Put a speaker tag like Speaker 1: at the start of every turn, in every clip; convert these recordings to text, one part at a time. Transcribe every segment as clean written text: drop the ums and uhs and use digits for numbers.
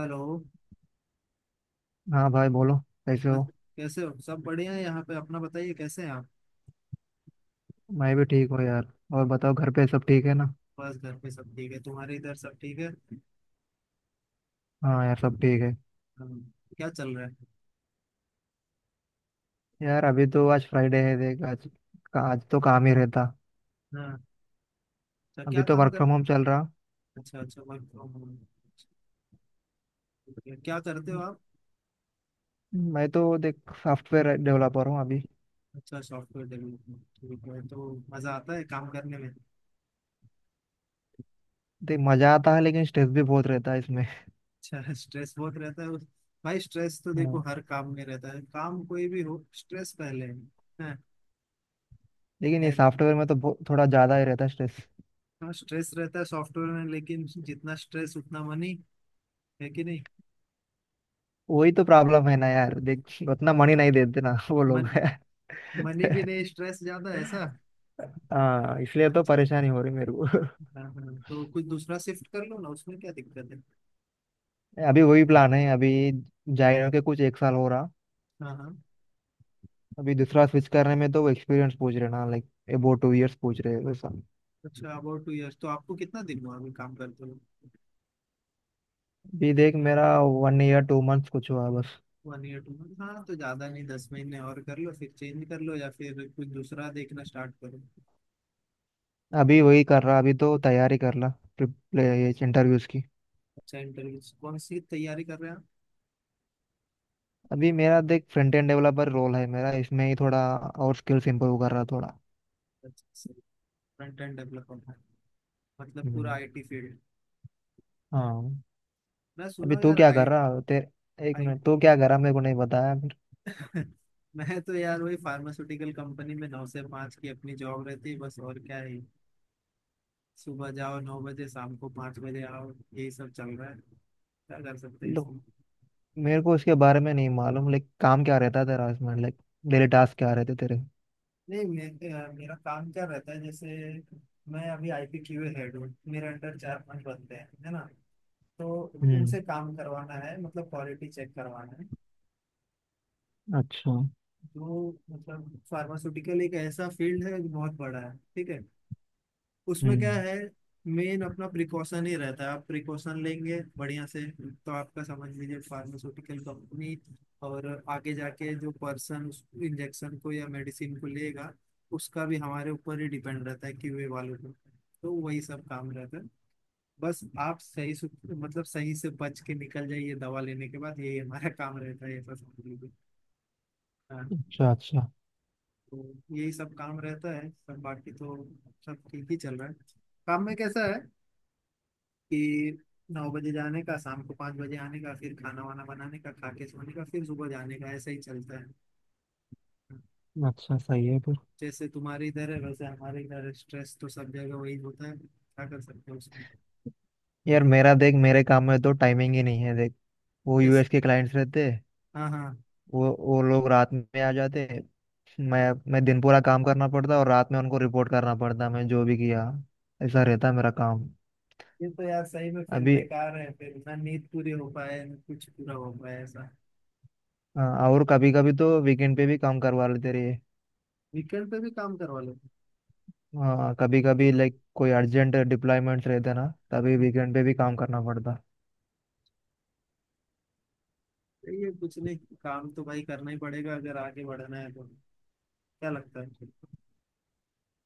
Speaker 1: Hello.
Speaker 2: हाँ भाई बोलो। कैसे
Speaker 1: बस
Speaker 2: हो।
Speaker 1: कैसे हो, सब बढ़िया है यहाँ पे। अपना बताइए, कैसे हैं आप।
Speaker 2: मैं भी ठीक हूँ यार। और बताओ, घर पे सब ठीक है ना।
Speaker 1: बस घर पे सब ठीक है। तुम्हारे इधर सब ठीक है।
Speaker 2: हाँ यार, सब ठीक है।
Speaker 1: हाँ, क्या चल रहा है।
Speaker 2: यार अभी तो आज फ्राइडे है देख। आज आज तो काम ही रहता।
Speaker 1: हाँ। अच्छा, क्या
Speaker 2: अभी तो
Speaker 1: काम
Speaker 2: वर्क
Speaker 1: कर।
Speaker 2: फ्रॉम होम चल रहा।
Speaker 1: अच्छा अच्छा, वर्क फ्रॉम होम ठीक है। क्या करते हो आप।
Speaker 2: मैं तो देख, सॉफ्टवेयर डेवलपर हूँ अभी।
Speaker 1: अच्छा, सॉफ्टवेयर डेवलपमेंट ठीक है। तो मजा आता है काम करने में।
Speaker 2: देख मजा आता है लेकिन स्ट्रेस भी बहुत रहता है इसमें।
Speaker 1: अच्छा। स्ट्रेस बहुत रहता है भाई, स्ट्रेस तो देखो
Speaker 2: हाँ,
Speaker 1: हर काम में रहता है। काम कोई भी हो, स्ट्रेस पहले है। हाँ।
Speaker 2: लेकिन ये
Speaker 1: एक-
Speaker 2: सॉफ्टवेयर में तो थोड़ा ज्यादा ही रहता है स्ट्रेस।
Speaker 1: हाँ, स्ट्रेस रहता है सॉफ्टवेयर में, लेकिन जितना स्ट्रेस उतना मनी। है कि नहीं।
Speaker 2: वही तो प्रॉब्लम है ना यार देख। उतना मनी नहीं देते ना वो लोग।
Speaker 1: मन मनी भी नहीं, स्ट्रेस ज्यादा है, ऐसा।
Speaker 2: हाँ, इसलिए तो
Speaker 1: अच्छा।
Speaker 2: परेशानी हो रही मेरे को।
Speaker 1: हाँ हाँ, तो कुछ दूसरा शिफ्ट कर लो ना। उसमें क्या दिक्कत है।
Speaker 2: अभी वही प्लान है अभी। जाए के कुछ एक साल हो रहा।
Speaker 1: हाँ हाँ।
Speaker 2: अभी दूसरा स्विच करने में तो वो एक्सपीरियंस पूछ रहे ना, लाइक अबाउट टू इयर्स पूछ रहे हैं वैसा।
Speaker 1: अच्छा, अबाउट 2 इयर्स। तो आपको कितना दिन हुआ अभी काम करते हो।
Speaker 2: अभी देख, मेरा वन ईयर टू मंथ्स कुछ हुआ बस।
Speaker 1: 1 ईयर 2 मंथ। हाँ, तो ज्यादा नहीं, 10 महीने और कर लो फिर चेंज कर लो, या फिर कुछ दूसरा देखना स्टार्ट करो।
Speaker 2: अभी वही कर रहा, अभी तो तैयारी कर रहा इंटरव्यूज की।
Speaker 1: अच्छा, इंटरव्यू कौन सी तैयारी कर रहे हैं आप।
Speaker 2: अभी मेरा देख, फ्रंट एंड डेवलपर रोल है मेरा, इसमें ही थोड़ा और स्किल्स इंप्रूव कर रहा थोड़ा।
Speaker 1: अच्छा सही। फ्रंट एंड डेवलपर, मतलब पूरा
Speaker 2: हम्म,
Speaker 1: आईटी फील्ड।
Speaker 2: हाँ।
Speaker 1: मैं
Speaker 2: अभी
Speaker 1: सुना
Speaker 2: तू
Speaker 1: यार,
Speaker 2: क्या
Speaker 1: आई
Speaker 2: कर रहा, तेरे एक
Speaker 1: आई
Speaker 2: मिनट, तू क्या कर रहा, मेरे को नहीं बताया फिर।
Speaker 1: मैं तो यार वही फार्मास्यूटिकल कंपनी में 9 से 5 की अपनी जॉब रहती है, बस। और क्या है। सुबह जाओ 9 बजे, शाम को 5 बजे आओ, यही सब चल रहा है। क्या कर सकते हैं
Speaker 2: लो,
Speaker 1: इसमें।
Speaker 2: मेरे को उसके बारे में नहीं मालूम, लाइक काम क्या रहता है तेरा इसमें, लाइक डेली टास्क क्या रहते तेरे।
Speaker 1: नहीं, मेरा काम क्या रहता है जैसे। मैं अभी आईपी क्यूए हेड हूँ, मेरे अंडर 4-5 बंदे हैं, है ना। तो
Speaker 2: हम्म।
Speaker 1: उनसे काम करवाना है, मतलब क्वालिटी चेक करवाना है।
Speaker 2: अच्छा।
Speaker 1: जो मतलब फार्मास्यूटिकल एक ऐसा फील्ड है जो बहुत बड़ा है, ठीक है। उसमें क्या
Speaker 2: हम्म।
Speaker 1: है। मेन अपना प्रिकॉशन ही रहता है। आप प्रिकॉशन लेंगे बढ़िया से तो आपका, समझ लीजिए, फार्मास्यूटिकल कंपनी। और आगे जाके जो पर्सन उस इंजेक्शन को या मेडिसिन को लेगा, उसका भी हमारे ऊपर ही डिपेंड रहता है, क्यूए वालों को। तो वही सब काम रहता है। बस आप सही से, मतलब सही से बच के निकल जाइए दवा लेने के बाद, यही हमारा काम रहता है, ऐसा समझ लीजिए। हाँ।
Speaker 2: अच्छा। अच्छा।
Speaker 1: तो यही सब काम रहता है, सब बाकी तो सब ठीक ही चल रहा है। काम में कैसा है कि 9 बजे जाने का, शाम को 5 बजे आने का, फिर खाना वाना बनाने का, खा के सोने का, फिर सुबह जाने का, ऐसा ही चलता है।
Speaker 2: अच्छा, सही है फिर।
Speaker 1: जैसे तुम्हारे इधर है वैसे हमारे इधर है। स्ट्रेस तो सब जगह वही होता है, क्या कर सकते हैं उसमें।
Speaker 2: यार मेरा देख, मेरे काम में तो टाइमिंग ही नहीं है देख। वो
Speaker 1: यस।
Speaker 2: यूएस के क्लाइंट्स रहते।
Speaker 1: हाँ हाँ।
Speaker 2: वो लोग रात में आ जाते। मैं मैं दिन पूरा काम करना पड़ता और रात में उनको रिपोर्ट करना पड़ता, मैं जो भी किया। ऐसा रहता मेरा काम
Speaker 1: ये तो यार सही में फिर
Speaker 2: अभी।
Speaker 1: बेकार है फिर, ना नींद पूरी हो पाए ना कुछ पूरा हो पाए, ऐसा।
Speaker 2: और कभी कभी तो वीकेंड पे भी काम करवा लेते रहे।
Speaker 1: वीकेंड पे भी काम करवा लो।
Speaker 2: हाँ, कभी कभी लाइक कोई अर्जेंट डिप्लॉयमेंट्स रहते ना तभी वीकेंड पे भी काम करना पड़ता।
Speaker 1: सही है, कुछ नहीं। काम तो भाई करना ही पड़ेगा अगर आगे बढ़ना है तो। क्या लगता है।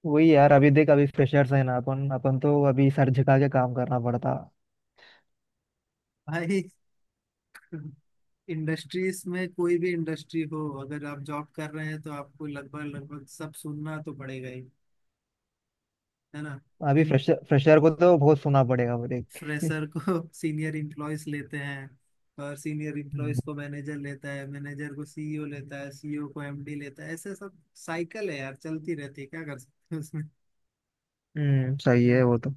Speaker 2: वही यार अभी देख, अभी फ्रेशर्स है ना अपन अपन तो अभी सर झुका के काम करना पड़ता।
Speaker 1: भाई इंडस्ट्रीज में कोई भी इंडस्ट्री हो, अगर आप जॉब कर रहे हैं तो आपको लगभग लगभग सब सुनना तो पड़ेगा ही। है ना।
Speaker 2: अभी फ्रेशर फ्रेशर को तो बहुत सुना पड़ेगा वो देख के।
Speaker 1: फ्रेशर को सीनियर इम्प्लॉयज लेते हैं, और सीनियर
Speaker 2: हम्म।
Speaker 1: इम्प्लॉयज को मैनेजर लेता है, मैनेजर को सीईओ लेता है, सीईओ को एमडी लेता है, ऐसे सब साइकिल है यार, चलती रहती है। क्या कर सकते हैं उसमें।
Speaker 2: सही
Speaker 1: हाँ,
Speaker 2: है वो तो।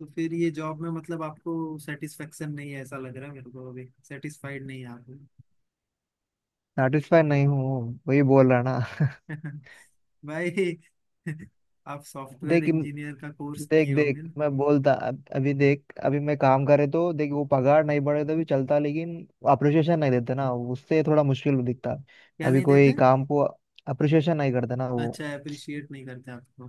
Speaker 1: तो फिर ये जॉब में मतलब आपको सेटिस्फेक्शन नहीं है, ऐसा लग रहा है मेरे को, अभी सेटिस्फाइड नहीं है
Speaker 2: सेटिस्फाई नहीं हूँ, वही बोल रहा ना।
Speaker 1: आप। भाई। आप सॉफ्टवेयर
Speaker 2: देख इम-
Speaker 1: इंजीनियर का कोर्स
Speaker 2: देख
Speaker 1: किए होंगे
Speaker 2: देख
Speaker 1: ना।
Speaker 2: मैं बोलता अभी देख, अभी मैं काम करे तो देख वो पगार नहीं बढ़े तो भी चलता, लेकिन अप्रिशिएशन नहीं देते ना, उससे थोड़ा मुश्किल दिखता।
Speaker 1: क्या
Speaker 2: अभी
Speaker 1: नहीं
Speaker 2: कोई
Speaker 1: देते।
Speaker 2: काम को अप्रिशिएशन नहीं करते ना वो।
Speaker 1: अच्छा, अप्रिशिएट नहीं करते आपको।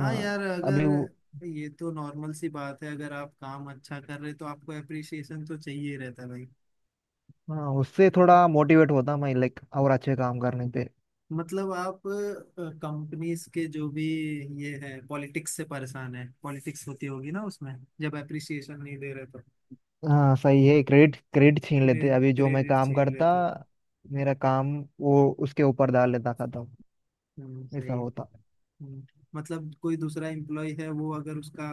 Speaker 1: हाँ यार, अगर
Speaker 2: अभी वो।
Speaker 1: ये तो नॉर्मल सी बात है, अगर आप काम अच्छा कर रहे तो आपको अप्रिशिएशन तो चाहिए ही रहता है भाई।
Speaker 2: हाँ, उससे थोड़ा मोटिवेट होता मैं लाइक और अच्छे काम करने पे।
Speaker 1: मतलब आप कंपनीज के जो भी, ये है, पॉलिटिक्स से परेशान है। पॉलिटिक्स होती होगी ना उसमें, जब अप्रिशिएशन नहीं दे रहे तो।
Speaker 2: हाँ सही है, क्रेडिट क्रेडिट छीन लेते अभी, जो मैं
Speaker 1: क्रेडिट
Speaker 2: काम
Speaker 1: छीन
Speaker 2: करता,
Speaker 1: लेते हैं।
Speaker 2: मेरा काम, वो उसके ऊपर डाल लेता, खत्म। ऐसा
Speaker 1: सही,
Speaker 2: होता।
Speaker 1: हम्म। मतलब कोई दूसरा एम्प्लॉय है, वो अगर उसका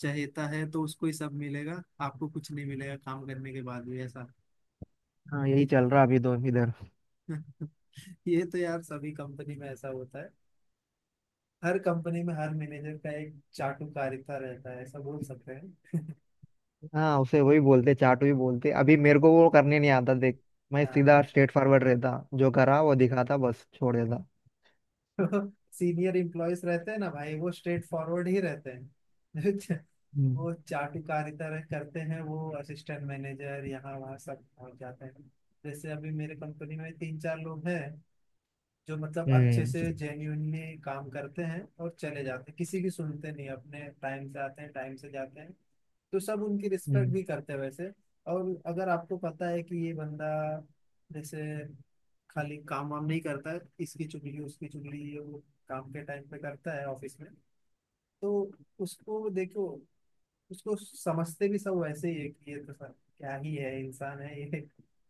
Speaker 1: चहेता है तो उसको ही सब मिलेगा, आपको कुछ नहीं मिलेगा काम करने के बाद भी, ऐसा।
Speaker 2: हाँ यही चल रहा अभी दो इधर।
Speaker 1: ये तो यार सभी कंपनी में ऐसा होता है। हर कंपनी में हर मैनेजर का एक चाटुकारिता रहता है, ऐसा बोल सकते हैं।
Speaker 2: हाँ, उसे वही बोलते, चाटू ही बोलते, अभी मेरे को वो करने नहीं आता देख। मैं
Speaker 1: हाँ,
Speaker 2: सीधा स्ट्रेट फॉरवर्ड रहता। जो करा वो दिखाता, बस छोड़ देता।
Speaker 1: तो सीनियर इम्प्लॉयज रहते हैं ना भाई, वो स्ट्रेट फॉरवर्ड ही रहते हैं।
Speaker 2: हम्म।
Speaker 1: वो चाटुकारिता करते हैं, वो असिस्टेंट मैनेजर यहाँ वहाँ सब पहुंच जाते हैं। जैसे अभी मेरे कंपनी में 3-4 लोग हैं, जो मतलब अच्छे
Speaker 2: हम्म।
Speaker 1: से जेन्यूनली काम करते हैं और चले जाते हैं, किसी की सुनते नहीं, अपने टाइम से आते हैं टाइम से जाते हैं। तो सब उनकी रिस्पेक्ट
Speaker 2: हम्म।
Speaker 1: भी करते हैं वैसे। और अगर आपको पता है कि ये बंदा, जैसे, खाली काम वाम नहीं करता है, इसकी चुगली उसकी चुगली ये वो काम के टाइम पे करता है ऑफिस में, तो उसको देखो, उसको समझते भी सब वैसे ही है कि ये तो सर क्या ही है, इंसान है ये।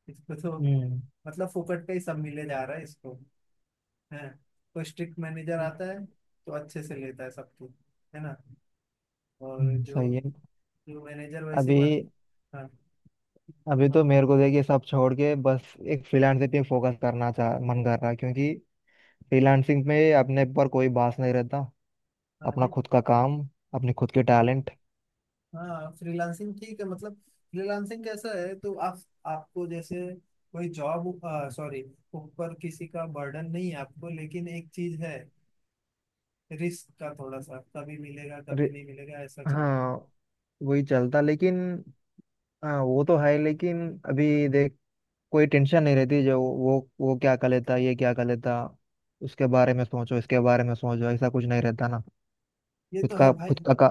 Speaker 1: इसको तो
Speaker 2: हम्म,
Speaker 1: मतलब फोकट पे ही सब मिले जा रहा है इसको है। तो स्ट्रिक्ट मैनेजर आता है तो अच्छे से लेता है सबको, है ना। और जो
Speaker 2: सही है
Speaker 1: जो मैनेजर वैसे बन,
Speaker 2: अभी।
Speaker 1: हाँ,
Speaker 2: अभी तो
Speaker 1: बन-
Speaker 2: मेरे को देखिए, सब छोड़ के बस एक फ्रीलांसिंग पे फोकस करना चाह मन कर रहा है, क्योंकि फ्रीलांसिंग में अपने पर कोई बास नहीं रहता।
Speaker 1: हाँ,
Speaker 2: अपना
Speaker 1: नहीं,
Speaker 2: खुद का काम, अपने खुद के टैलेंट।
Speaker 1: हाँ। फ्रीलांसिंग ठीक है, मतलब फ्रीलांसिंग कैसा है तो आप आपको, जैसे कोई जॉब, सॉरी, ऊपर किसी का बर्डन नहीं है आपको, लेकिन एक चीज है, रिस्क का थोड़ा सा, कभी मिलेगा
Speaker 2: अरे
Speaker 1: कभी नहीं मिलेगा, ऐसा चल रहा है।
Speaker 2: हाँ, वही चलता लेकिन हाँ वो तो है लेकिन अभी देख, कोई टेंशन नहीं रहती, जो वो क्या कर लेता, ये क्या कर लेता, उसके बारे में सोचो, इसके बारे में सोचो, ऐसा कुछ नहीं रहता ना।
Speaker 1: ये
Speaker 2: खुद
Speaker 1: तो है
Speaker 2: का
Speaker 1: भाई।
Speaker 2: खुद का, का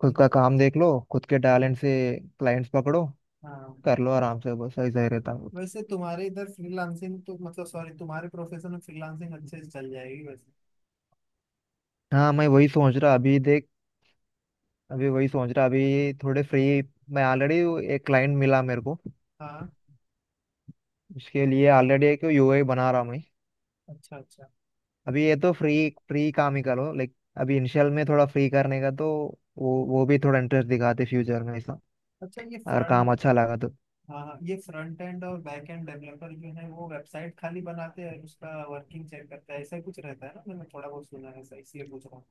Speaker 2: खुद का काम देख लो, खुद के टैलेंट से क्लाइंट्स पकड़ो।
Speaker 1: हाँ,
Speaker 2: कर लो आराम से, बस ऐसा ही रहता है।
Speaker 1: वैसे तुम्हारे इधर फ्रीलांसिंग तो, मतलब सॉरी, तुम्हारे प्रोफेशन में फ्रीलांसिंग अच्छे से चल जाएगी वैसे।
Speaker 2: हाँ मैं वही सोच रहा अभी देख। अभी वही सोच रहा, अभी थोड़े फ्री। मैं ऑलरेडी एक क्लाइंट मिला मेरे को,
Speaker 1: हाँ,
Speaker 2: इसके लिए ऑलरेडी एक यूआई बना रहा हूँ मैं।
Speaker 1: अच्छा अच्छा।
Speaker 2: अभी ये तो फ्री फ्री काम ही करो लाइक, अभी इनिशियल में थोड़ा फ्री करने का, तो वो भी थोड़ा इंटरेस्ट दिखाते फ्यूचर में, ऐसा
Speaker 1: अच्छा, ये
Speaker 2: अगर
Speaker 1: फ्रंट,
Speaker 2: काम अच्छा लगा तो।
Speaker 1: हाँ हाँ, ये फ्रंट एंड और बैक एंड डेवलपर जो है वो वेबसाइट खाली बनाते हैं और उसका वर्किंग चेक करता है, ऐसा ही कुछ रहता है ना। मैंने थोड़ा बहुत सुना है ऐसा, इसलिए पूछ रहा हूँ।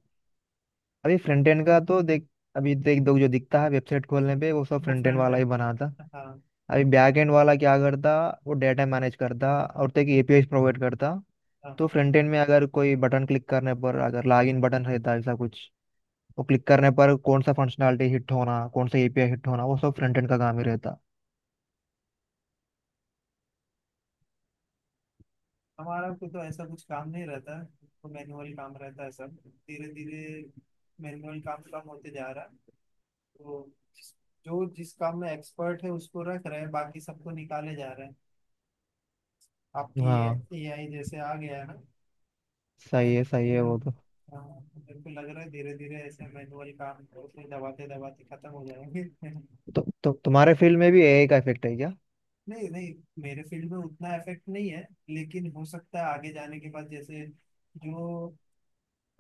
Speaker 2: अभी फ्रंट एंड का तो देख, अभी देख दो, जो दिखता है वेबसाइट खोलने पे वो सब
Speaker 1: वो
Speaker 2: फ्रंट एंड
Speaker 1: फ्रंट
Speaker 2: वाला ही
Speaker 1: एंड।
Speaker 2: बनाता।
Speaker 1: हाँ
Speaker 2: अभी बैक एंड वाला क्या करता, वो डेटा मैनेज करता और तक एपीआई प्रोवाइड करता।
Speaker 1: हाँ।
Speaker 2: तो
Speaker 1: हाँ,
Speaker 2: फ्रंट एंड में अगर कोई बटन क्लिक करने पर, अगर लॉगिन बटन रहता है ऐसा कुछ, वो क्लिक करने पर कौन सा फंक्शनलिटी हिट होना, कौन सा एपीआई हिट होना, वो सब फ्रंट एंड का काम ही रहता।
Speaker 1: हमारा को तो ऐसा कुछ काम नहीं रहता, तो मैनुअल काम रहता है सब। धीरे धीरे मैनुअल काम कम होते जा रहा है। तो जिस- जो जिस काम में एक्सपर्ट है उसको रख रहे हैं, बाकी सबको निकाले जा रहे हैं। आपकी
Speaker 2: हाँ
Speaker 1: एआई जैसे आ गया है ना।
Speaker 2: सही
Speaker 1: मेरे
Speaker 2: है, सही है
Speaker 1: मेरे
Speaker 2: वो तो,
Speaker 1: हाँ, मेरे को लग रहा है धीरे धीरे ऐसे मैनुअल काम होते दबाते दबाते खत्म हो जाएंगे।
Speaker 2: तो, तो तुम्हारे फील्ड में भी एआई का इफेक्ट है क्या?
Speaker 1: नहीं नहीं, मेरे फील्ड में उतना इफेक्ट नहीं है। लेकिन हो सकता है आगे जाने के बाद जैसे जो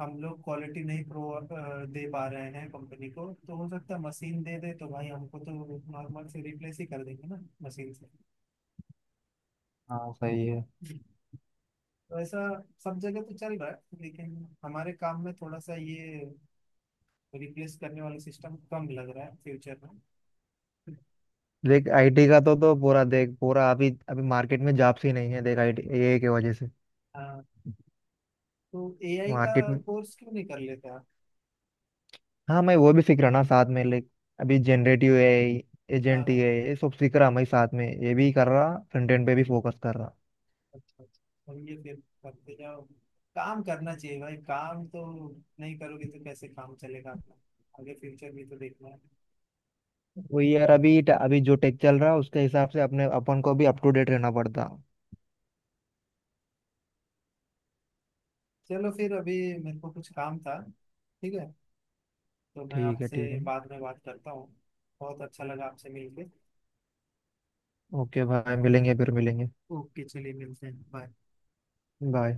Speaker 1: हम लोग क्वालिटी नहीं दे पा रहे हैं कंपनी को तो हो सकता है मशीन दे दे, तो भाई हमको तो नॉर्मल से रिप्लेस ही कर देंगे ना मशीन से।
Speaker 2: हाँ सही है।
Speaker 1: वैसा सब जगह तो चल रहा है, लेकिन हमारे काम में थोड़ा सा ये रिप्लेस करने वाला सिस्टम कम लग रहा है फ्यूचर में।
Speaker 2: देख आईटी का तो पूरा देख, पूरा अभी अभी मार्केट में जॉब्स ही नहीं है देख, आईटी एआई की वजह से
Speaker 1: हाँ, तो एआई का
Speaker 2: मार्केट में।
Speaker 1: कोर्स क्यों नहीं कर लेते आप।
Speaker 2: हाँ मैं वो भी सीख रहा ना साथ में लाइक, अभी जनरेटिव एआई,
Speaker 1: हाँ
Speaker 2: एजेंट
Speaker 1: हाँ,
Speaker 2: एआई ये सब सीख रहा मैं साथ में, ये भी कर रहा, फ्रंट एंड पे भी फोकस कर रहा।
Speaker 1: अच्छा अच्छा। और ये फिर करते जाओ। काम करना चाहिए भाई, काम तो नहीं करोगे तो कैसे काम चलेगा आपका। आगे फ्यूचर भी तो देखना है।
Speaker 2: वही यार, अभी अभी जो टेक चल रहा है उसके हिसाब से अपने अपन को भी अप टू डेट रहना पड़ता।
Speaker 1: चलो फिर, अभी मेरे को कुछ काम था। ठीक है, तो मैं
Speaker 2: ठीक है, ठीक
Speaker 1: आपसे
Speaker 2: है।
Speaker 1: बाद में बात करता हूँ। बहुत अच्छा लगा आपसे मिलके।
Speaker 2: ओके भाई, मिलेंगे, फिर मिलेंगे।
Speaker 1: ओके, चलिए मिलते हैं। बाय।
Speaker 2: बाय।